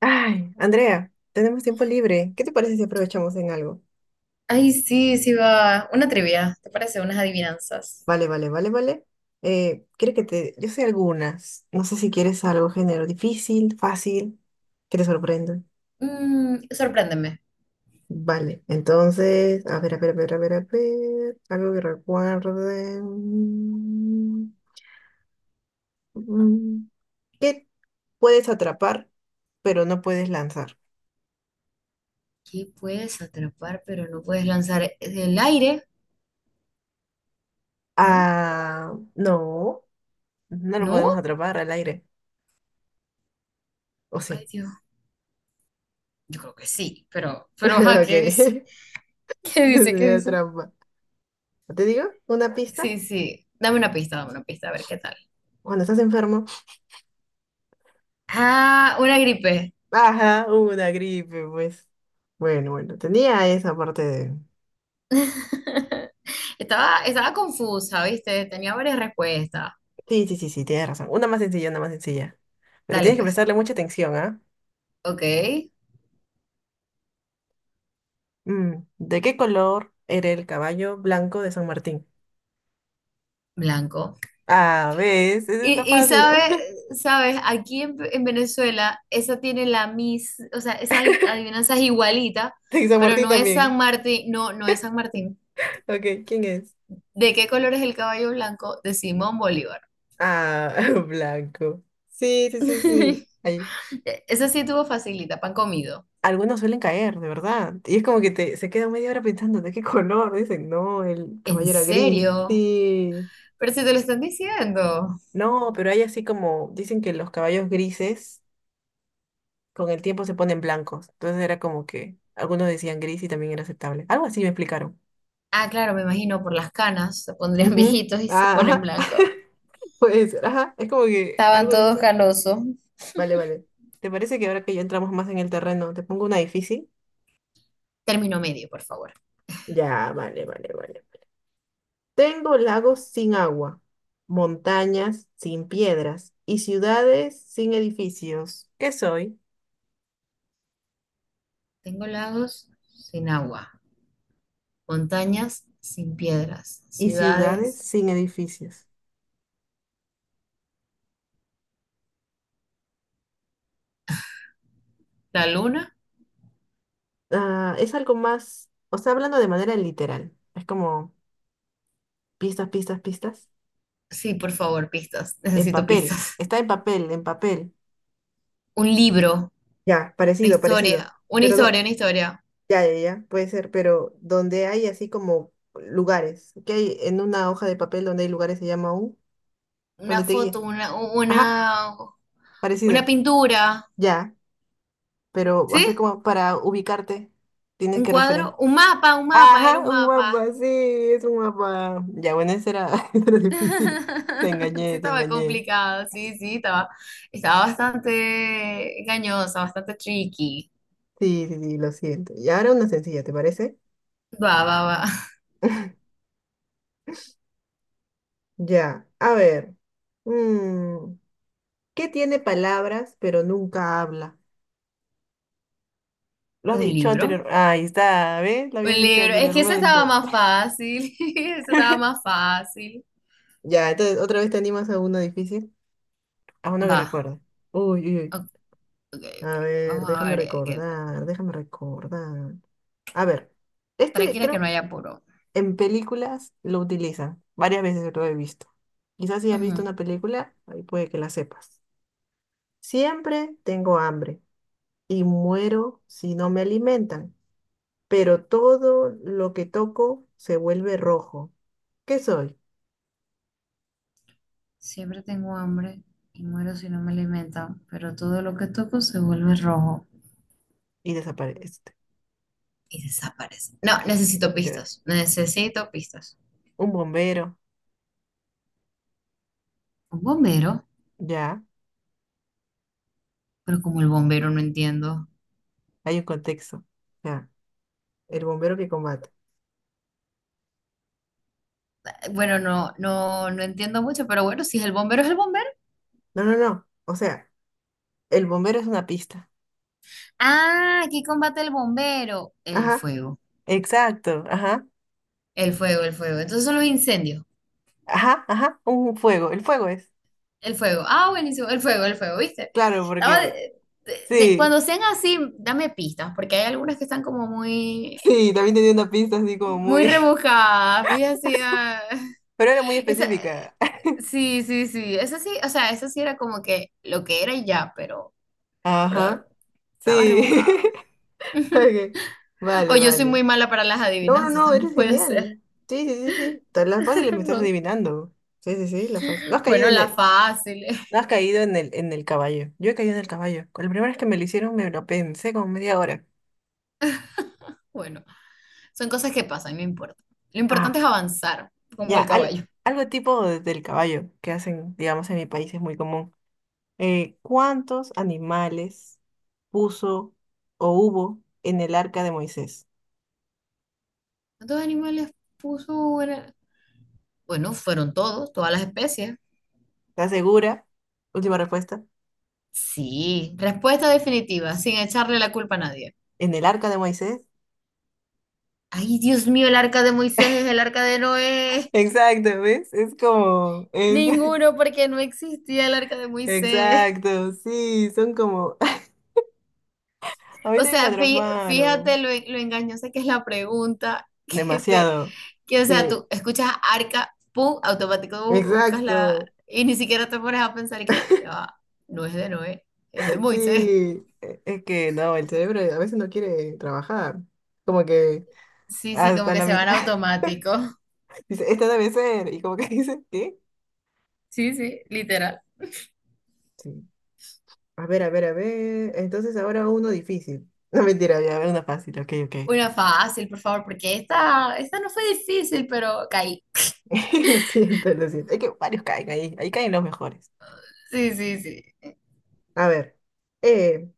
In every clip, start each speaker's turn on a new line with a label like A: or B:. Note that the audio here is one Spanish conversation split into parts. A: Ay, Andrea, tenemos tiempo libre. ¿Qué te parece si aprovechamos en algo?
B: Ay, sí, sí va. Una trivia, ¿te parece? Unas adivinanzas.
A: Vale, vale, vale, vale. Quiero que te... Yo sé algunas. No sé si quieres algo género difícil, fácil, que te sorprenda.
B: Sorpréndeme.
A: Vale, entonces, a ver, a ver, a ver, a ver, a ver. Algo que recuerde. Mm, ¿Qué puedes atrapar, pero no puedes lanzar?
B: ¿Qué puedes atrapar pero no puedes lanzar del aire? ¿No?
A: Ah, no, no lo podemos
B: ¿No?
A: atrapar al aire. ¿O
B: Ay,
A: sí?
B: Dios. Yo creo que sí, pero, ajá,
A: Ok.
B: ¿qué dice? ¿Qué dice? ¿Qué
A: Sería
B: dice?
A: trampa. ¿No? ¿Te digo? ¿Una pista?
B: Sí, sí. Dame una pista, a ver qué tal.
A: Cuando estás enfermo.
B: Ah, una gripe.
A: Ajá, una gripe, pues. Bueno, bueno, tenía esa parte de...
B: Estaba confusa, ¿viste? Tenía varias respuestas.
A: Sí, sí, sí, sí, tienes razón. Una más sencilla, una más sencilla. Pero
B: Dale,
A: tienes que
B: pues.
A: prestarle mucha atención, ¿ah?
B: Ok,
A: ¿De qué color era el caballo blanco de San Martín?
B: blanco.
A: Ah, ¿ves? Eso
B: Y,
A: está
B: y
A: fácil.
B: sabe, sabes, aquí en Venezuela, esa tiene la mis, o sea, esa adivinanza es igualita,
A: Sí, San
B: pero
A: Martín
B: no es San
A: también.
B: Martín, no, no es San Martín.
A: Ok, ¿quién es?
B: ¿De qué color es el caballo blanco de Simón Bolívar?
A: Ah, blanco. Sí, sí, sí, sí. Ahí.
B: Esa sí tuvo facilita, pan comido.
A: Algunos suelen caer, de verdad. Y es como que te, se queda media hora pensando de qué color. Dicen, no, el
B: ¿En
A: caballo era gris.
B: serio?
A: Sí.
B: Pero si te lo están diciendo.
A: No, pero hay así como, dicen que los caballos grises con el tiempo se ponen blancos. Entonces era como que algunos decían gris y también era aceptable. Algo así me explicaron.
B: Ah, claro, me imagino, por las canas, se pondrían
A: Ujú.
B: viejitos y se
A: Ah,
B: ponen
A: ajá.
B: blancos.
A: Puede ser, ajá. Es como que
B: Estaban
A: algo
B: todos
A: dice.
B: canosos.
A: Vale, vale. ¿Te parece que ahora que ya entramos más en el terreno, te pongo una difícil?
B: Término medio, por favor.
A: Ya, vale, vale, vale. Tengo lagos sin agua, montañas sin piedras y ciudades sin edificios. ¿Qué soy?
B: Tengo lagos sin agua. Montañas sin piedras,
A: Y ciudades
B: ciudades,
A: sin edificios.
B: la luna.
A: Ah, es algo más, o sea, hablando de manera literal. Es como pistas, pistas, pistas.
B: Sí, por favor, pistas.
A: En
B: Necesito
A: papel.
B: pistas.
A: Está en papel, en papel.
B: Un libro,
A: Ya,
B: una
A: parecido, parecido.
B: historia, una
A: Pero no,
B: historia, una historia,
A: ya, ya, ya, puede ser, pero donde hay así como lugares, que hay en una hoja de papel donde hay lugares se llama un,
B: una
A: donde te guía.
B: foto,
A: Ajá,
B: una
A: parecido.
B: pintura,
A: Ya, pero
B: ¿sí?
A: hace como para ubicarte, tienes
B: Un
A: que referir.
B: cuadro, un mapa, era
A: Ajá,
B: un
A: un
B: mapa.
A: mapa, sí, es un mapa. Ya, bueno, ese era, ese era difícil. Te
B: Sí,
A: engañé, te
B: estaba
A: engañé.
B: complicado, sí, sí, estaba, estaba bastante engañosa, bastante tricky.
A: Sí, sí, sí, lo siento. Y ahora una sencilla, ¿te parece?
B: Va, va, va.
A: Ya, a ver. Mm, ¿Qué tiene palabras pero nunca habla? Lo has
B: Un
A: dicho
B: libro.
A: anteriormente. Ahí está, ¿ves? Lo
B: Un
A: habías dicho
B: libro. Es que ese estaba
A: anteriormente.
B: más fácil. Ese estaba más fácil.
A: Ya, entonces, ¿otra vez te animas a uno difícil? A uno que
B: Va.
A: recuerde. Uy, uy, uy.
B: Ok, ok, ok.
A: A ver,
B: Vamos a
A: déjame
B: ver.
A: recordar, déjame recordar. A ver, este
B: Tranquila que no
A: creo
B: haya apuro.
A: que en películas lo utilizan. Varias veces lo he visto. Quizás si has
B: Ujú.
A: visto una película, ahí puede que la sepas. Siempre tengo hambre y muero si no me alimentan, pero todo lo que toco se vuelve rojo. ¿Qué soy?
B: Siempre tengo hambre y muero si no me alimentan, pero todo lo que toco se vuelve rojo
A: Y desaparece.
B: y desaparece. No, necesito
A: Te-
B: pistas. Necesito pistas.
A: Un bombero,
B: Un bombero,
A: ya,
B: pero como el bombero no entiendo.
A: hay un contexto. Ya, el bombero que combate.
B: Bueno, no, no, no entiendo mucho, pero bueno, si es el bombero, es el bombero.
A: No, no, no. O sea, el bombero es una pista.
B: Ah, ¿aquí combate el bombero? El
A: Ajá,
B: fuego.
A: exacto, ajá,
B: El fuego, el fuego. Entonces son los incendios.
A: ajá, ajá, un fuego, el fuego es,
B: El fuego. Ah, buenísimo. El fuego, ¿viste?
A: claro,
B: Estaba
A: porque
B: de-
A: sí,
B: Cuando sean así, dame pistas, porque hay algunas que están como muy,
A: sí, también tenía una pista así como
B: muy
A: muy,
B: rebuscadas, muy así. Ah.
A: pero era muy
B: Esa,
A: específica.
B: eh, sí, sí, sí. Esa sí, o sea, esa sí era como que lo que era y ya, pero
A: Ajá,
B: estaba
A: sí,
B: rebuscada.
A: ok,
B: O
A: vale,
B: yo soy
A: vale.
B: muy mala para las
A: No, no,
B: adivinanzas,
A: no,
B: también
A: eres
B: puede ser.
A: genial. Sí, sí, sí, sí, todas las fáciles me estás
B: No.
A: adivinando. Sí, sí, sí, las fáciles. No has caído
B: Bueno,
A: en
B: la
A: el,
B: fácil.
A: no has caído en el caballo. Yo he caído en el caballo. Con la primera vez que me lo hicieron me lo pensé como media hora.
B: Bueno, son cosas que pasan, no importa. Lo importante
A: Ajá.
B: es avanzar, como
A: Ya,
B: el caballo.
A: algo tipo del caballo que hacen, digamos, en mi país es muy común. ¿Cuántos animales puso o hubo en el arca de Moisés?
B: ¿Cuántos animales puso? Bueno, fueron todos, todas las especies.
A: ¿Estás segura? Última respuesta.
B: Sí, respuesta definitiva, sin echarle la culpa a nadie.
A: ¿En el arca de Moisés?
B: Ay, Dios mío, el arca de Moisés es el arca de Noé.
A: Exacto, ¿ves? Es como... Es...
B: Ninguno, porque no existía el arca de Moisés.
A: Exacto, sí, son como...
B: O
A: Ahorita me
B: sea, fíjate
A: atraparon.
B: lo engañosa que es la pregunta, que te,
A: Demasiado.
B: que, o sea,
A: Sí,
B: tú escuchas arca, pum, automático buscas la,
A: exacto.
B: y ni siquiera te pones a pensar que, ya va, no es de Noé, es de Moisés.
A: Sí. Es que no, el cerebro a veces no quiere trabajar. Como que...
B: Sí, sí, como
A: Hasta
B: que
A: la
B: se
A: mitad.
B: van automático.
A: Dice, esta debe ser. Y como que dice, ¿qué?
B: Sí, sí, literal.
A: Sí. A ver, a ver, a ver. Entonces ahora uno difícil. No mentira, ya, a ver, una fácil, ok, ok.
B: Una fácil, por favor, porque esta no fue difícil, pero caí.
A: Lo siento, lo siento. Es que varios caen ahí. Ahí caen los mejores.
B: Sí, sí, sí.
A: A ver. Eh,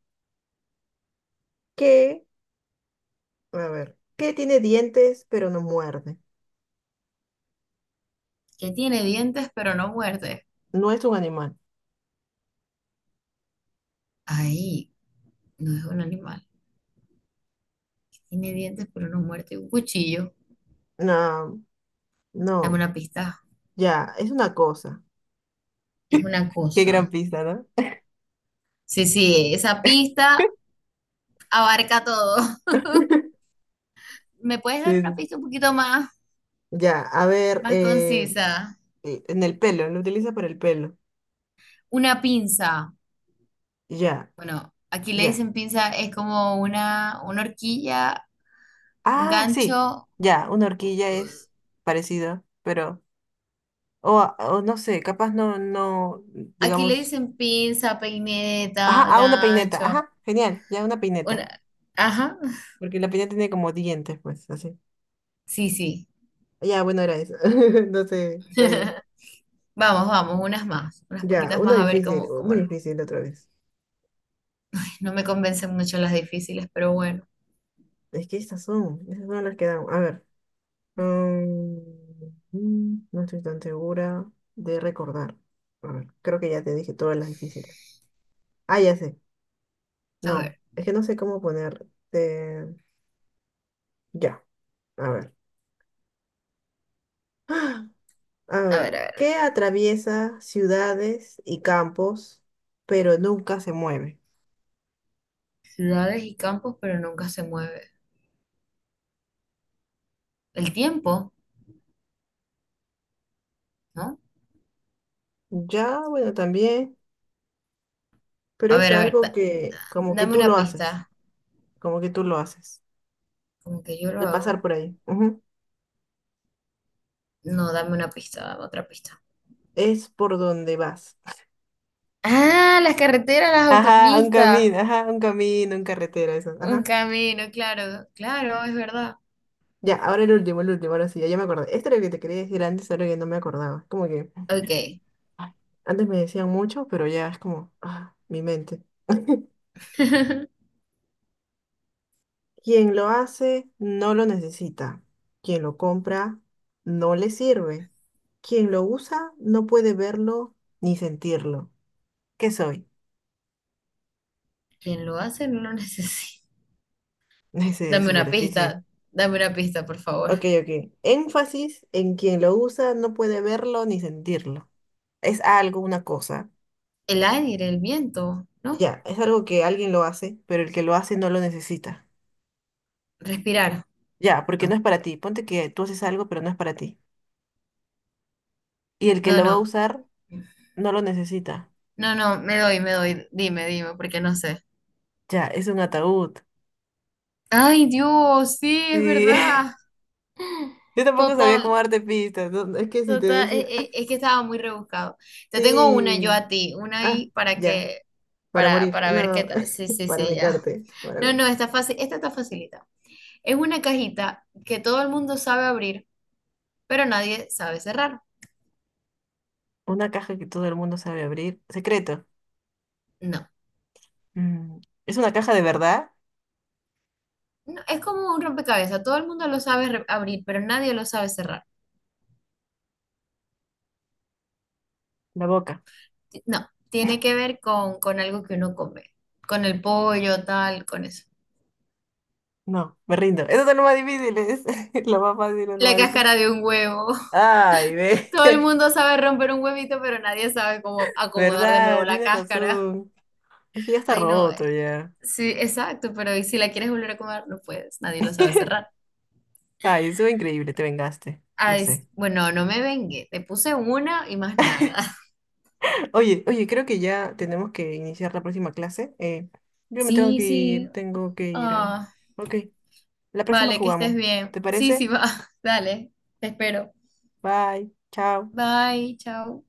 A: ¿Qué? A ver. ¿Qué tiene dientes pero no muerde?
B: Que tiene dientes, pero no muerde.
A: No es un animal.
B: Ay, no es un animal. Tiene dientes, pero no muerde. Un cuchillo.
A: No,
B: Dame
A: no.
B: una pista.
A: Ya, es una cosa.
B: Es una
A: Qué gran
B: cosa.
A: pista, ¿no?
B: Sí, sí, esa pista abarca todo. ¿Me puedes dar
A: Sí,
B: una
A: sí.
B: pista un poquito más,
A: Ya, a ver.
B: más concisa?
A: En el pelo, lo utiliza para el pelo.
B: Una pinza.
A: Ya,
B: Bueno, aquí le
A: ya.
B: dicen pinza, es como una horquilla.
A: Ah, sí,
B: Gancho,
A: ya, una horquilla es parecido, pero, o no sé, capaz no, no,
B: aquí le
A: digamos,
B: dicen pinza,
A: ajá,
B: peineta,
A: ah, una peineta,
B: gancho.
A: ajá, genial, ya una peineta,
B: Una, ajá,
A: porque la peineta tiene como dientes, pues, así.
B: sí, sí.
A: Ya, bueno, era eso, no sé, está bien.
B: Vamos, vamos, unas más, unas
A: Ya,
B: poquitas más a ver cómo,
A: uno
B: cómo nos-
A: difícil otra vez.
B: No me convencen mucho las difíciles, pero bueno,
A: Es que estas son las que dan, a ver. mm, no estoy tan segura de recordar. A ver, creo que ya te dije todas las difíciles. Ah, ya sé.
B: a ver,
A: No, es que no sé cómo ponerte. Ya, a ver. A
B: a ver, a
A: ver,
B: ver.
A: ¿qué atraviesa ciudades y campos, pero nunca se mueve?
B: Ciudades y campos, pero nunca se mueve. El tiempo, ¿no?
A: Ya, bueno, también, pero es
B: A ver,
A: algo que como que
B: dame
A: tú
B: una
A: lo haces,
B: pista,
A: como que tú lo haces
B: como que yo lo
A: al pasar
B: hago.
A: por ahí. Ujú,
B: No, dame una pista, dame otra pista.
A: es por donde vas.
B: Ah, las carreteras, las autopistas.
A: Ajá, un camino, en carretera, eso.
B: Un
A: Ajá.
B: camino, claro, claro, es verdad.
A: Ya, ahora el último, ahora sí, ya, ya me acordé. Este era el que te quería decir antes, ahora que no me acordaba. Como que
B: Ok.
A: ay, antes me decían mucho, pero ya es como, ah, mi mente. Quien lo hace no lo necesita. Quien lo compra no le sirve. Quien lo usa no puede verlo ni sentirlo. ¿Qué soy?
B: Quien lo hace no lo necesita.
A: Ese es
B: Dame
A: súper
B: una pista,
A: difícil.
B: dame una pista, por favor.
A: Ok, ok. Énfasis en quien lo usa no puede verlo ni sentirlo. Es algo, una cosa.
B: El aire, el viento, ¿no?
A: Ya, es algo que alguien lo hace, pero el que lo hace no lo necesita.
B: Respirar,
A: Ya, porque no
B: no.
A: es para ti. Ponte que tú haces algo, pero no es para ti. Y el que
B: No,
A: lo va a
B: no.
A: usar no lo necesita.
B: No, no, me doy, me doy. Dime, dime, porque no sé.
A: Ya, es un ataúd.
B: Ay, Dios, sí, es
A: Sí.
B: verdad.
A: Yo tampoco sabía
B: Total,
A: cómo darte pistas, ¿no? Es que si te
B: total.
A: decía,
B: Es, que estaba muy rebuscado. Te tengo una yo
A: sí.
B: a ti, una
A: Ah,
B: ahí para
A: ya,
B: que,
A: para morir.
B: para ver qué
A: No,
B: tal. Sí, sí,
A: para
B: sí, ya.
A: vengarte.
B: No, no, está fácil, esta está facilita. Es una cajita que todo el mundo sabe abrir pero nadie sabe cerrar.
A: Una caja que todo el mundo sabe abrir. Secreto.
B: No,
A: Mm, ¿Es una caja de verdad?
B: no, es como un rompecabezas, todo el mundo lo sabe abrir, pero nadie lo sabe cerrar.
A: La boca.
B: No, tiene que ver con algo que uno come, con el pollo, tal, con eso.
A: No, me rindo. Eso es lo más difícil. Es lo más fácil es lo
B: La
A: más difícil.
B: cáscara de un huevo.
A: Ay, ve.
B: Todo el mundo sabe romper un huevito, pero nadie sabe cómo acomodar de nuevo
A: ¿Verdad?
B: la
A: Tienes
B: cáscara.
A: razón. Es que ya está
B: Ay, no,
A: roto ya.
B: sí, exacto, pero ¿y si la quieres volver a comer? No puedes, nadie lo sabe cerrar.
A: Ay, eso es increíble, te vengaste, lo
B: Ay,
A: sé.
B: bueno, no me vengue, te puse una y más nada.
A: Oye, oye, creo que ya tenemos que iniciar la próxima clase. Yo me
B: Sí, sí.
A: tengo que ir a...
B: ah,
A: Ok, la próxima
B: Vale, que estés
A: jugamos.
B: bien.
A: ¿Te
B: Sí, sí,
A: parece?
B: va. Dale, te espero.
A: Bye, chao.
B: Bye, chao.